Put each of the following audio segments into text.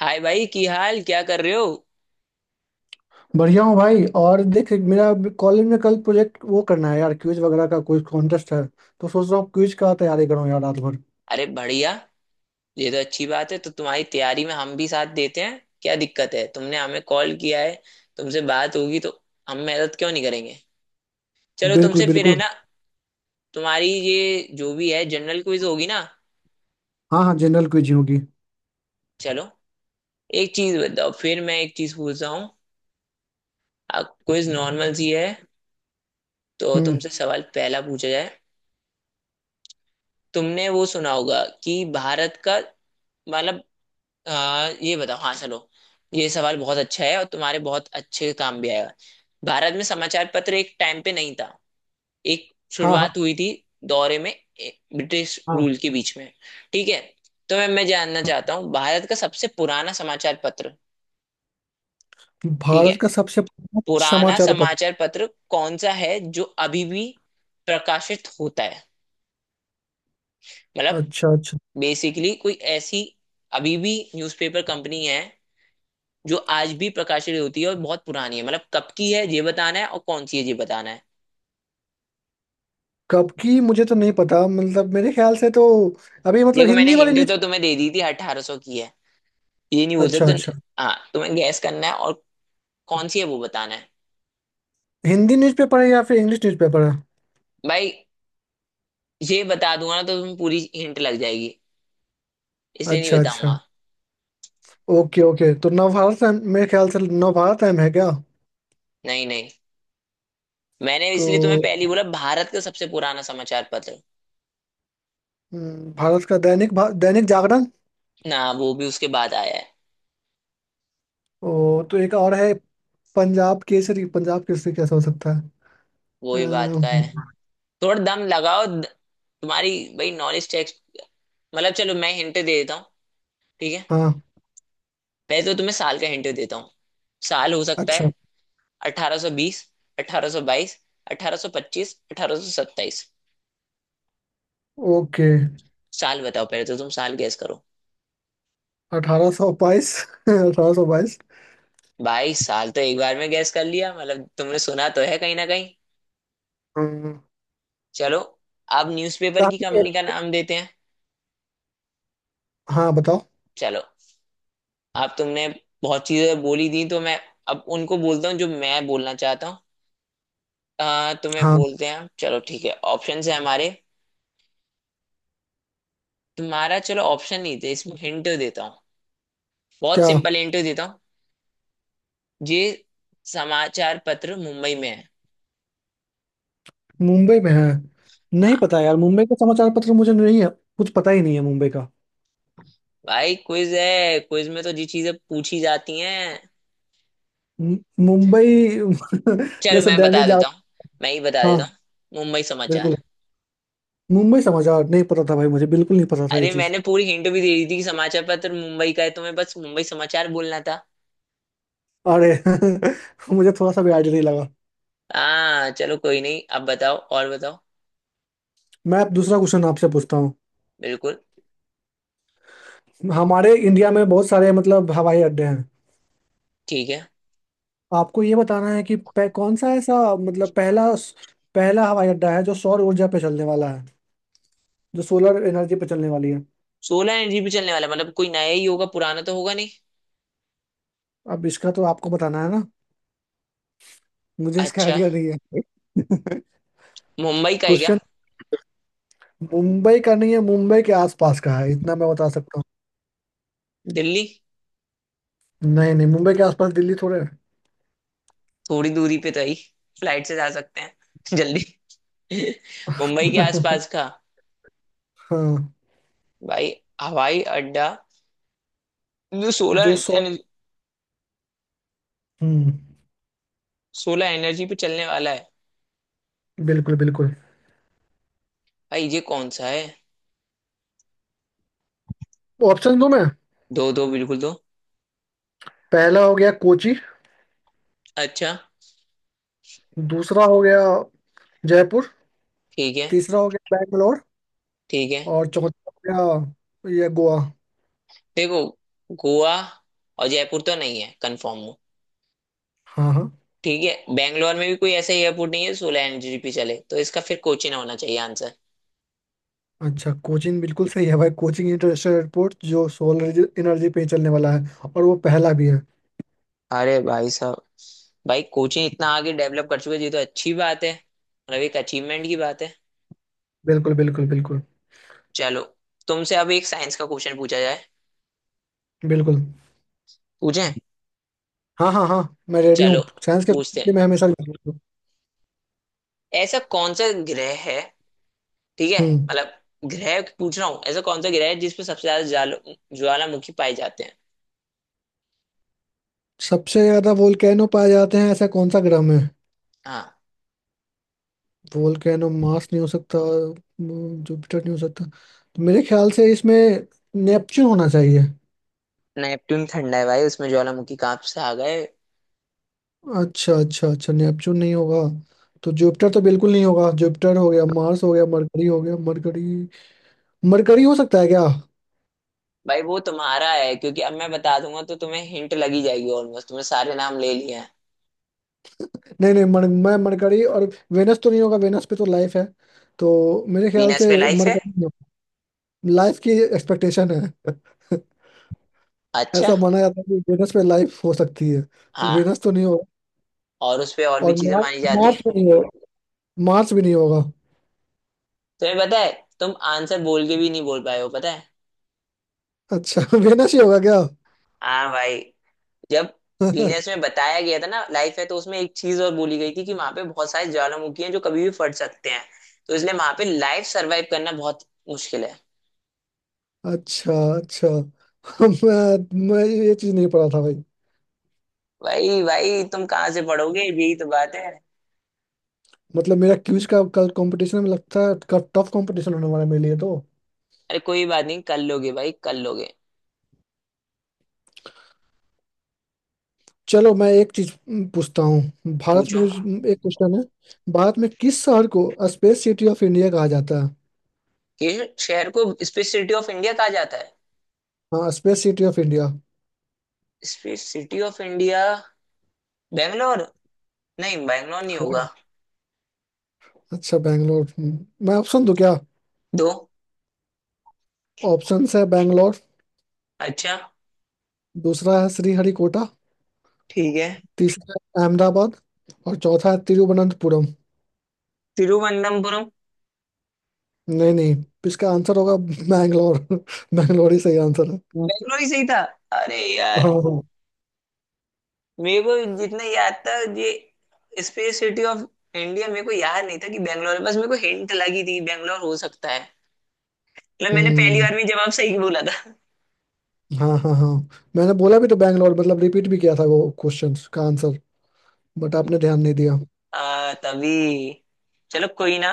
हाय भाई की हाल क्या कर रहे हो। बढ़िया हूँ भाई। और देख, मेरा अभी कॉलेज में कल प्रोजेक्ट वो करना है यार, क्विज वगैरह का कोई कॉन्टेस्ट है। तो सोच रहा हूँ क्विज का तैयारी करूँ यार, रात भर। अरे बढ़िया, ये तो अच्छी बात है। तो तुम्हारी तैयारी में हम भी साथ देते हैं। क्या दिक्कत है, तुमने हमें कॉल किया है, तुमसे बात होगी तो हम मदद क्यों नहीं करेंगे। चलो, बिल्कुल, तुमसे फिर है बिल्कुल। ना। तुम्हारी ये जो भी है जनरल क्विज होगी ना। हाँ, हाँ, जनरल क्विज ही होगी। चलो, एक चीज बताओ, फिर मैं एक चीज पूछता हूँ। आप क्विज नॉर्मल सी है तो हम्म। तुमसे सवाल पहला पूछा जाए। तुमने वो सुना होगा कि भारत का, मतलब, ये बताओ। हाँ चलो, ये सवाल बहुत अच्छा है और तुम्हारे बहुत अच्छे काम भी आएगा। भारत में समाचार पत्र एक टाइम पे नहीं था, एक हाँ, हाँ, शुरुआत हुई थी दौरे में ब्रिटिश हाँ। रूल के बीच में। ठीक है, तो मैं जानना चाहता हूँ भारत का सबसे पुराना समाचार पत्र। ठीक है, भारत का सबसे प्रमुख पुराना समाचार पत्र। समाचार पत्र कौन सा है जो अभी भी प्रकाशित होता है। मतलब अच्छा, अच्छा। बेसिकली कोई ऐसी अभी भी न्यूज़पेपर कंपनी है जो आज भी प्रकाशित होती है और बहुत पुरानी है। मतलब कब की है ये बताना है और कौन सी है ये बताना है। कब की मुझे तो नहीं पता, मतलब मेरे ख्याल से तो अभी, मतलब देखो, मैंने हिंदी वाली हिंट न्यूज। तो तुम्हें दे दी थी, अठारह सौ की है, ये नहीं बोल अच्छा, सकते। अच्छा। हाँ, तुम्हें गैस करना है और कौन सी है वो बताना है। हिंदी न्यूज़पेपर है या फिर इंग्लिश न्यूज़पेपर है? भाई, ये बता दूंगा ना तो तुम्हें पूरी हिंट लग जाएगी, इसलिए नहीं अच्छा, अच्छा। बताऊंगा। Okay, okay. तो नवभारत, मेरे ख्याल से नवभारत टाइम है क्या? नहीं नहीं, मैंने तो इसलिए तुम्हें पहले ही बोला भारत का सबसे पुराना समाचार पत्र। भारत का दैनिक दैनिक जागरण। ना, वो भी उसके बाद आया है। ओ, तो एक और है। पंजाब केसरी, पंजाब केसरी कैसा हो सकता है? वो भी बात का अम्म, है। थोड़ा दम लगाओ। तुम्हारी, भाई, नॉलेज टेक्स्ट। मतलब चलो, मैं हिंट दे देता हूँ, ठीक है। हाँ। पहले तो तुम्हें साल का हिंट देता हूँ, साल हो सकता अच्छा, है 1820, 1822, 1825, 1827। ओके। साल बताओ, पहले तो तुम साल गैस करो। 1822। 1822। भाई, साल तो एक बार में गैस कर लिया, मतलब तुमने सुना तो है कहीं ना कहीं। हम्म, चलो, आप न्यूज़पेपर की काफी। कंपनी का नाम देते हैं। हाँ, बताओ। चलो, आप तुमने बहुत चीजें बोली दी तो मैं अब उनको बोलता हूँ जो मैं बोलना चाहता हूँ। तुम्हें हाँ, बोलते हैं, चलो ठीक है, ऑप्शन है हमारे। तुम्हारा चलो ऑप्शन नहीं थे, इसमें हिंट देता हूँ, बहुत क्या, सिंपल हिंट देता हूँ। ये समाचार पत्र मुंबई में है। मुंबई में है? नहीं हाँ पता यार, मुंबई का समाचार पत्र तो मुझे नहीं है। कुछ पता ही नहीं है मुंबई का। भाई, क्विज है, क्विज में तो जी चीजें पूछी जाती हैं। मु- मुंबई चलो जैसे मैं बता दैनिक देता जागरण। हूँ, मैं ही बता हाँ, देता हूँ। मुंबई समाचार। बिल्कुल। मुंबई समाचार नहीं पता था भाई, मुझे बिल्कुल नहीं पता था ये अरे, चीज। मैंने पूरी हिंट भी दे दी थी कि समाचार पत्र मुंबई का है, तुम्हें बस मुंबई समाचार बोलना था। अरे, मुझे थोड़ा सा भी आइडिया नहीं लगा। हाँ चलो, कोई नहीं, अब बताओ और बताओ। मैं अब दूसरा क्वेश्चन आपसे पूछता हूँ। बिल्कुल। हमारे इंडिया में बहुत सारे, मतलब हवाई अड्डे हैं। ठीक है, आपको ये बताना है कि कौन सा ऐसा, मतलब पहला, पहला हवाई अड्डा है जो सौर ऊर्जा पे चलने वाला है। जो सोलर एनर्जी पे चलने वाली है। सोलह एनर्जी पे चलने वाला मतलब कोई नया ही होगा, पुराना तो होगा नहीं। अब इसका तो आपको बताना है ना। मुझे इसका अच्छा, आइडिया नहीं है। मुंबई का है क्या? क्वेश्चन, मुंबई का नहीं है, मुंबई के आसपास का है, इतना मैं बता सकता दिल्ली हूँ। नहीं, नहीं, मुंबई के आसपास दिल्ली थोड़े है। थोड़ी दूरी पे तो है ही, फ्लाइट से जा सकते हैं जल्दी। मुंबई के आसपास का हाँ, भाई, हवाई अड्डा जो जो सोलर सौ, हम्म, सोलर एनर्जी पे चलने वाला है। बिल्कुल, बिल्कुल। भाई ये कौन सा है? ऑप्शन दूं मैं? दो, दो, बिल्कुल दो। पहला हो गया कोची। अच्छा। दूसरा हो गया जयपुर। ठीक है। तीसरा हो गया बैंगलोर। ठीक है। और चौथा हो गया ये गोवा। देखो, गोवा और जयपुर तो नहीं है, कंफर्म हो। हाँ, हाँ। ठीक है, बेंगलोर में भी कोई ऐसा एयरपोर्ट नहीं है सोलर एनर्जी पे चले, तो इसका फिर कोचीन होना चाहिए आंसर। अच्छा, कोचिन बिल्कुल सही है भाई। कोचिंग इंटरनेशनल एयरपोर्ट, जो सोलर एनर्जी पे ही चलने वाला है, और वो पहला भी है। अरे भाई साहब, भाई कोचिंग इतना आगे डेवलप कर चुके हैं, ये तो अच्छी बात है, मतलब एक अचीवमेंट की बात है। बिल्कुल, बिल्कुल, बिल्कुल, चलो, तुमसे अब एक साइंस का क्वेश्चन पूछा जाए। बिल्कुल। पूछें? हाँ, हाँ, हाँ, मैं रेडी चलो हूँ साइंस के पूछते लिए, हैं। मैं हमेशा ready हूँ। ऐसा कौन सा ग्रह है, ठीक है, हम्म। मतलब ग्रह पूछ रहा हूँ, ऐसा कौन सा ग्रह है जिसपे सबसे ज्यादा ज्वाल, ज्वालामुखी पाए जाते हैं। सबसे ज्यादा वोल्केनो पाए जाते हैं ऐसा कौन सा ग्रह में? हाँ, वोल्केनो, मार्स नहीं हो सकता, जुपिटर नहीं हो सकता, तो मेरे ख्याल से इसमें नेपच्यून होना चाहिए। नेपट्टून ठंडा है भाई, उसमें ज्वालामुखी कहाँ से आ गए। अच्छा, अच्छा, अच्छा, नेपच्यून नहीं होगा। तो जुपिटर तो बिल्कुल नहीं होगा। जुपिटर हो गया, मार्स हो गया, मरकरी हो गया। मरकरी, मरकरी हो सकता है क्या? भाई वो तुम्हारा है, क्योंकि अब मैं बता दूंगा तो तुम्हें हिंट लगी जाएगी, ऑलमोस्ट तुमने सारे नाम ले लिए हैं। नहीं, नहीं, मैं मरकरी और वेनस तो नहीं होगा। वेनस पे तो लाइफ है, तो मेरे ख्याल वीनस पे से लाइफ है? मरकरी, लाइफ की एक्सपेक्टेशन है। अच्छा। ऐसा माना जाता है कि वेनस पे लाइफ हो सकती है, तो हाँ, वेनस तो नहीं होगा। और उस पे और भी और चीजें मार्स, मानी जाती हैं। मार्स भी नहीं होगा, मार्स भी नहीं होगा। तुम्हें पता है, तुम आंसर बोल के भी नहीं बोल पाए हो, पता है? अच्छा, वेनस ही होगा क्या? हाँ भाई, जब पीनस में बताया गया था ना लाइफ है, तो उसमें एक चीज और बोली गई थी कि वहां पे बहुत सारे ज्वालामुखी हैं जो कभी भी फट सकते हैं, तो इसलिए वहां पे लाइफ सरवाइव करना बहुत मुश्किल है। अच्छा, अच्छा। मैं, मैं ये चीज नहीं पता था भाई। भाई भाई, तुम कहाँ से पढ़ोगे, यही तो बात है। मतलब मेरा क्विज का कल कंपटीशन में लगता है, टफ कंपटीशन होने वाला है मेरे लिए तो। अरे कोई बात नहीं, कर लोगे भाई, कर लोगे। चलो, मैं एक चीज पूछता हूँ। भारत में पूछो। एक क्वेश्चन है। भारत में किस शहर को स्पेस सिटी ऑफ इंडिया कहा जाता है? कि शहर को स्पेस सिटी ऑफ इंडिया कहा जाता है। हाँ, space city of India. Space city of India, Bangalore. नहीं, बेंगलोर नहीं होगा। हाँ, अच्छा, बैंगलोर। मैं ऑप्शन दूँ क्या? दो। ऑप्शंस है बैंगलोर। अच्छा। दूसरा है श्रीहरिकोटा। ठीक है। तीसरा है अहमदाबाद। और चौथा है तिरुवनंतपुरम। तिरुवनंतपुरम। नहीं, नहीं, इसका आंसर होगा बैंगलोर। बैंगलोर ही सही आंसर है। बेंगलोर ही सही था। अरे हाँ, यार, हाँ। मेरे को जितना याद था, ये स्पेस सिटी ऑफ इंडिया मेरे को याद नहीं था कि बैंगलोर है, बस मेरे को हिंट लगी थी बैंगलोर हो सकता है। मतलब मैंने पहली हम्म। बार में जवाब सही बोला था। हाँ, हाँ, हाँ। मैंने बोला भी तो बैंगलोर, मतलब रिपीट भी किया था वो क्वेश्चंस का आंसर, बट आपने ध्यान नहीं दिया। तभी, चलो कोई ना।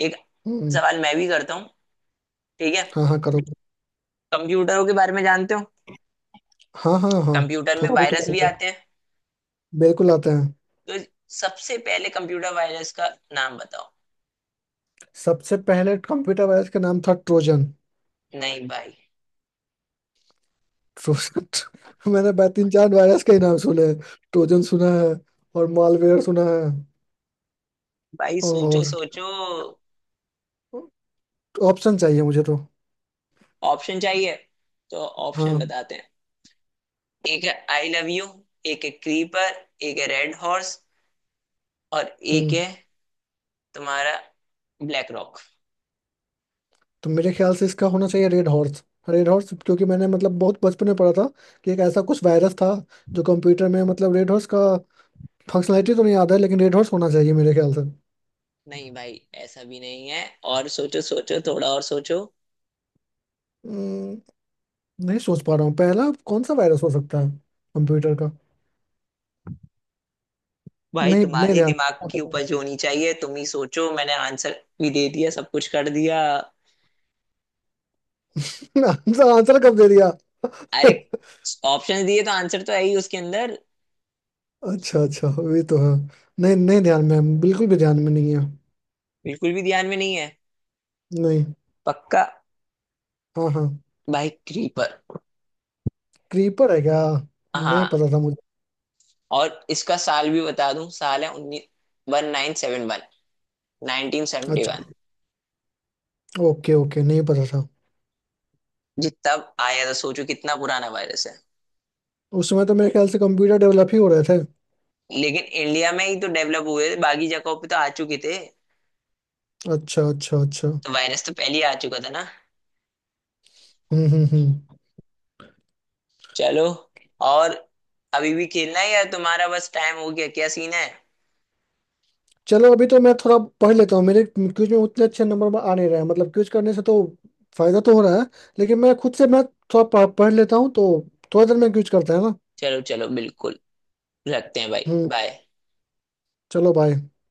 एक हम्म। सवाल मैं भी करता हूँ, ठीक है। हाँ, हाँ, करो। कंप्यूटरों के बारे में जानते हो? हाँ, हाँ, हाँ, कंप्यूटर में थोड़ा बहुत वायरस तो भी आता है। आते हैं, बिल्कुल आते हैं। तो सबसे पहले कंप्यूटर वायरस का नाम बताओ। सबसे पहले कंप्यूटर वायरस का नाम था ट्रोजन। नहीं भाई। ट्रोजन? मैंने तीन चार वायरस के ही नाम सुने हैं। ट्रोजन सुना है और मालवेयर सुना है। भाई सोचो, और सोचो। ऑप्शन चाहिए मुझे तो। ऑप्शन चाहिए? तो ऑप्शन हाँ। बताते हैं। एक है आई लव यू, एक है क्रीपर, एक है रेड हॉर्स, और एक हम्म। है तुम्हारा ब्लैक रॉक। तो मेरे ख्याल से इसका होना चाहिए रेड हॉर्स। रेड हॉर्स, क्योंकि मैंने मतलब बहुत बचपन में पढ़ा था कि एक ऐसा कुछ वायरस था जो कंप्यूटर में, मतलब रेड हॉर्स का फंक्शनैलिटी तो नहीं याद है, लेकिन रेड हॉर्स होना चाहिए मेरे ख्याल से। नहीं भाई, ऐसा भी नहीं है। और सोचो, सोचो, थोड़ा और सोचो। हम्म, नहीं सोच पा रहा हूँ पहला कौन सा वायरस हो सकता है कंप्यूटर का। भाई, नहीं, नहीं, तुम्हारे ध्यान। दिमाग की उपज होनी चाहिए, तुम ही सोचो, मैंने आंसर भी दे दिया, सब कुछ कर दिया। आंसर? आंसर कब दे दिया? अरे, ऑप्शन दिए तो आंसर तो है ही उसके अंदर। अच्छा, अच्छा, ये तो है। नहीं, नहीं ध्यान में है, बिल्कुल भी ध्यान में नहीं है। बिल्कुल भी ध्यान में नहीं है? नहीं। पक्का? हाँ, हाँ। भाई क्रीपर। क्रीपर है क्या? नहीं हाँ, पता था मुझे। और इसका साल भी बता दूं, साल है उन्नीस, one nine seven one, nineteen seventy one. अच्छा, ओके, ओके, नहीं पता था। जी तब आया था, सोचो कितना पुराना वायरस है। उस समय तो मेरे ख्याल से कंप्यूटर डेवलप ही हो रहे थे। लेकिन इंडिया में ही तो डेवलप हुए थे, बाकी जगहों पे तो आ चुके थे, अच्छा, अच्छा, अच्छा। तो वायरस तो पहले ही आ चुका था ना। हम्म, हम्म, हम्म। चलो, और अभी भी खेलना है या तुम्हारा बस टाइम हो गया, क्या सीन है? चलो, अभी तो मैं थोड़ा पढ़ लेता हूँ, मेरे क्विज में उतने अच्छे नंबर आ नहीं रहे हैं। मतलब क्विज करने से तो फायदा तो हो रहा है, लेकिन मैं खुद से मैं थोड़ा पढ़ पढ़ लेता हूँ तो थोड़ा देर में क्विज करता है ना। चलो चलो, बिल्कुल रखते हैं भाई, हम्म। बाय। चलो, बाय।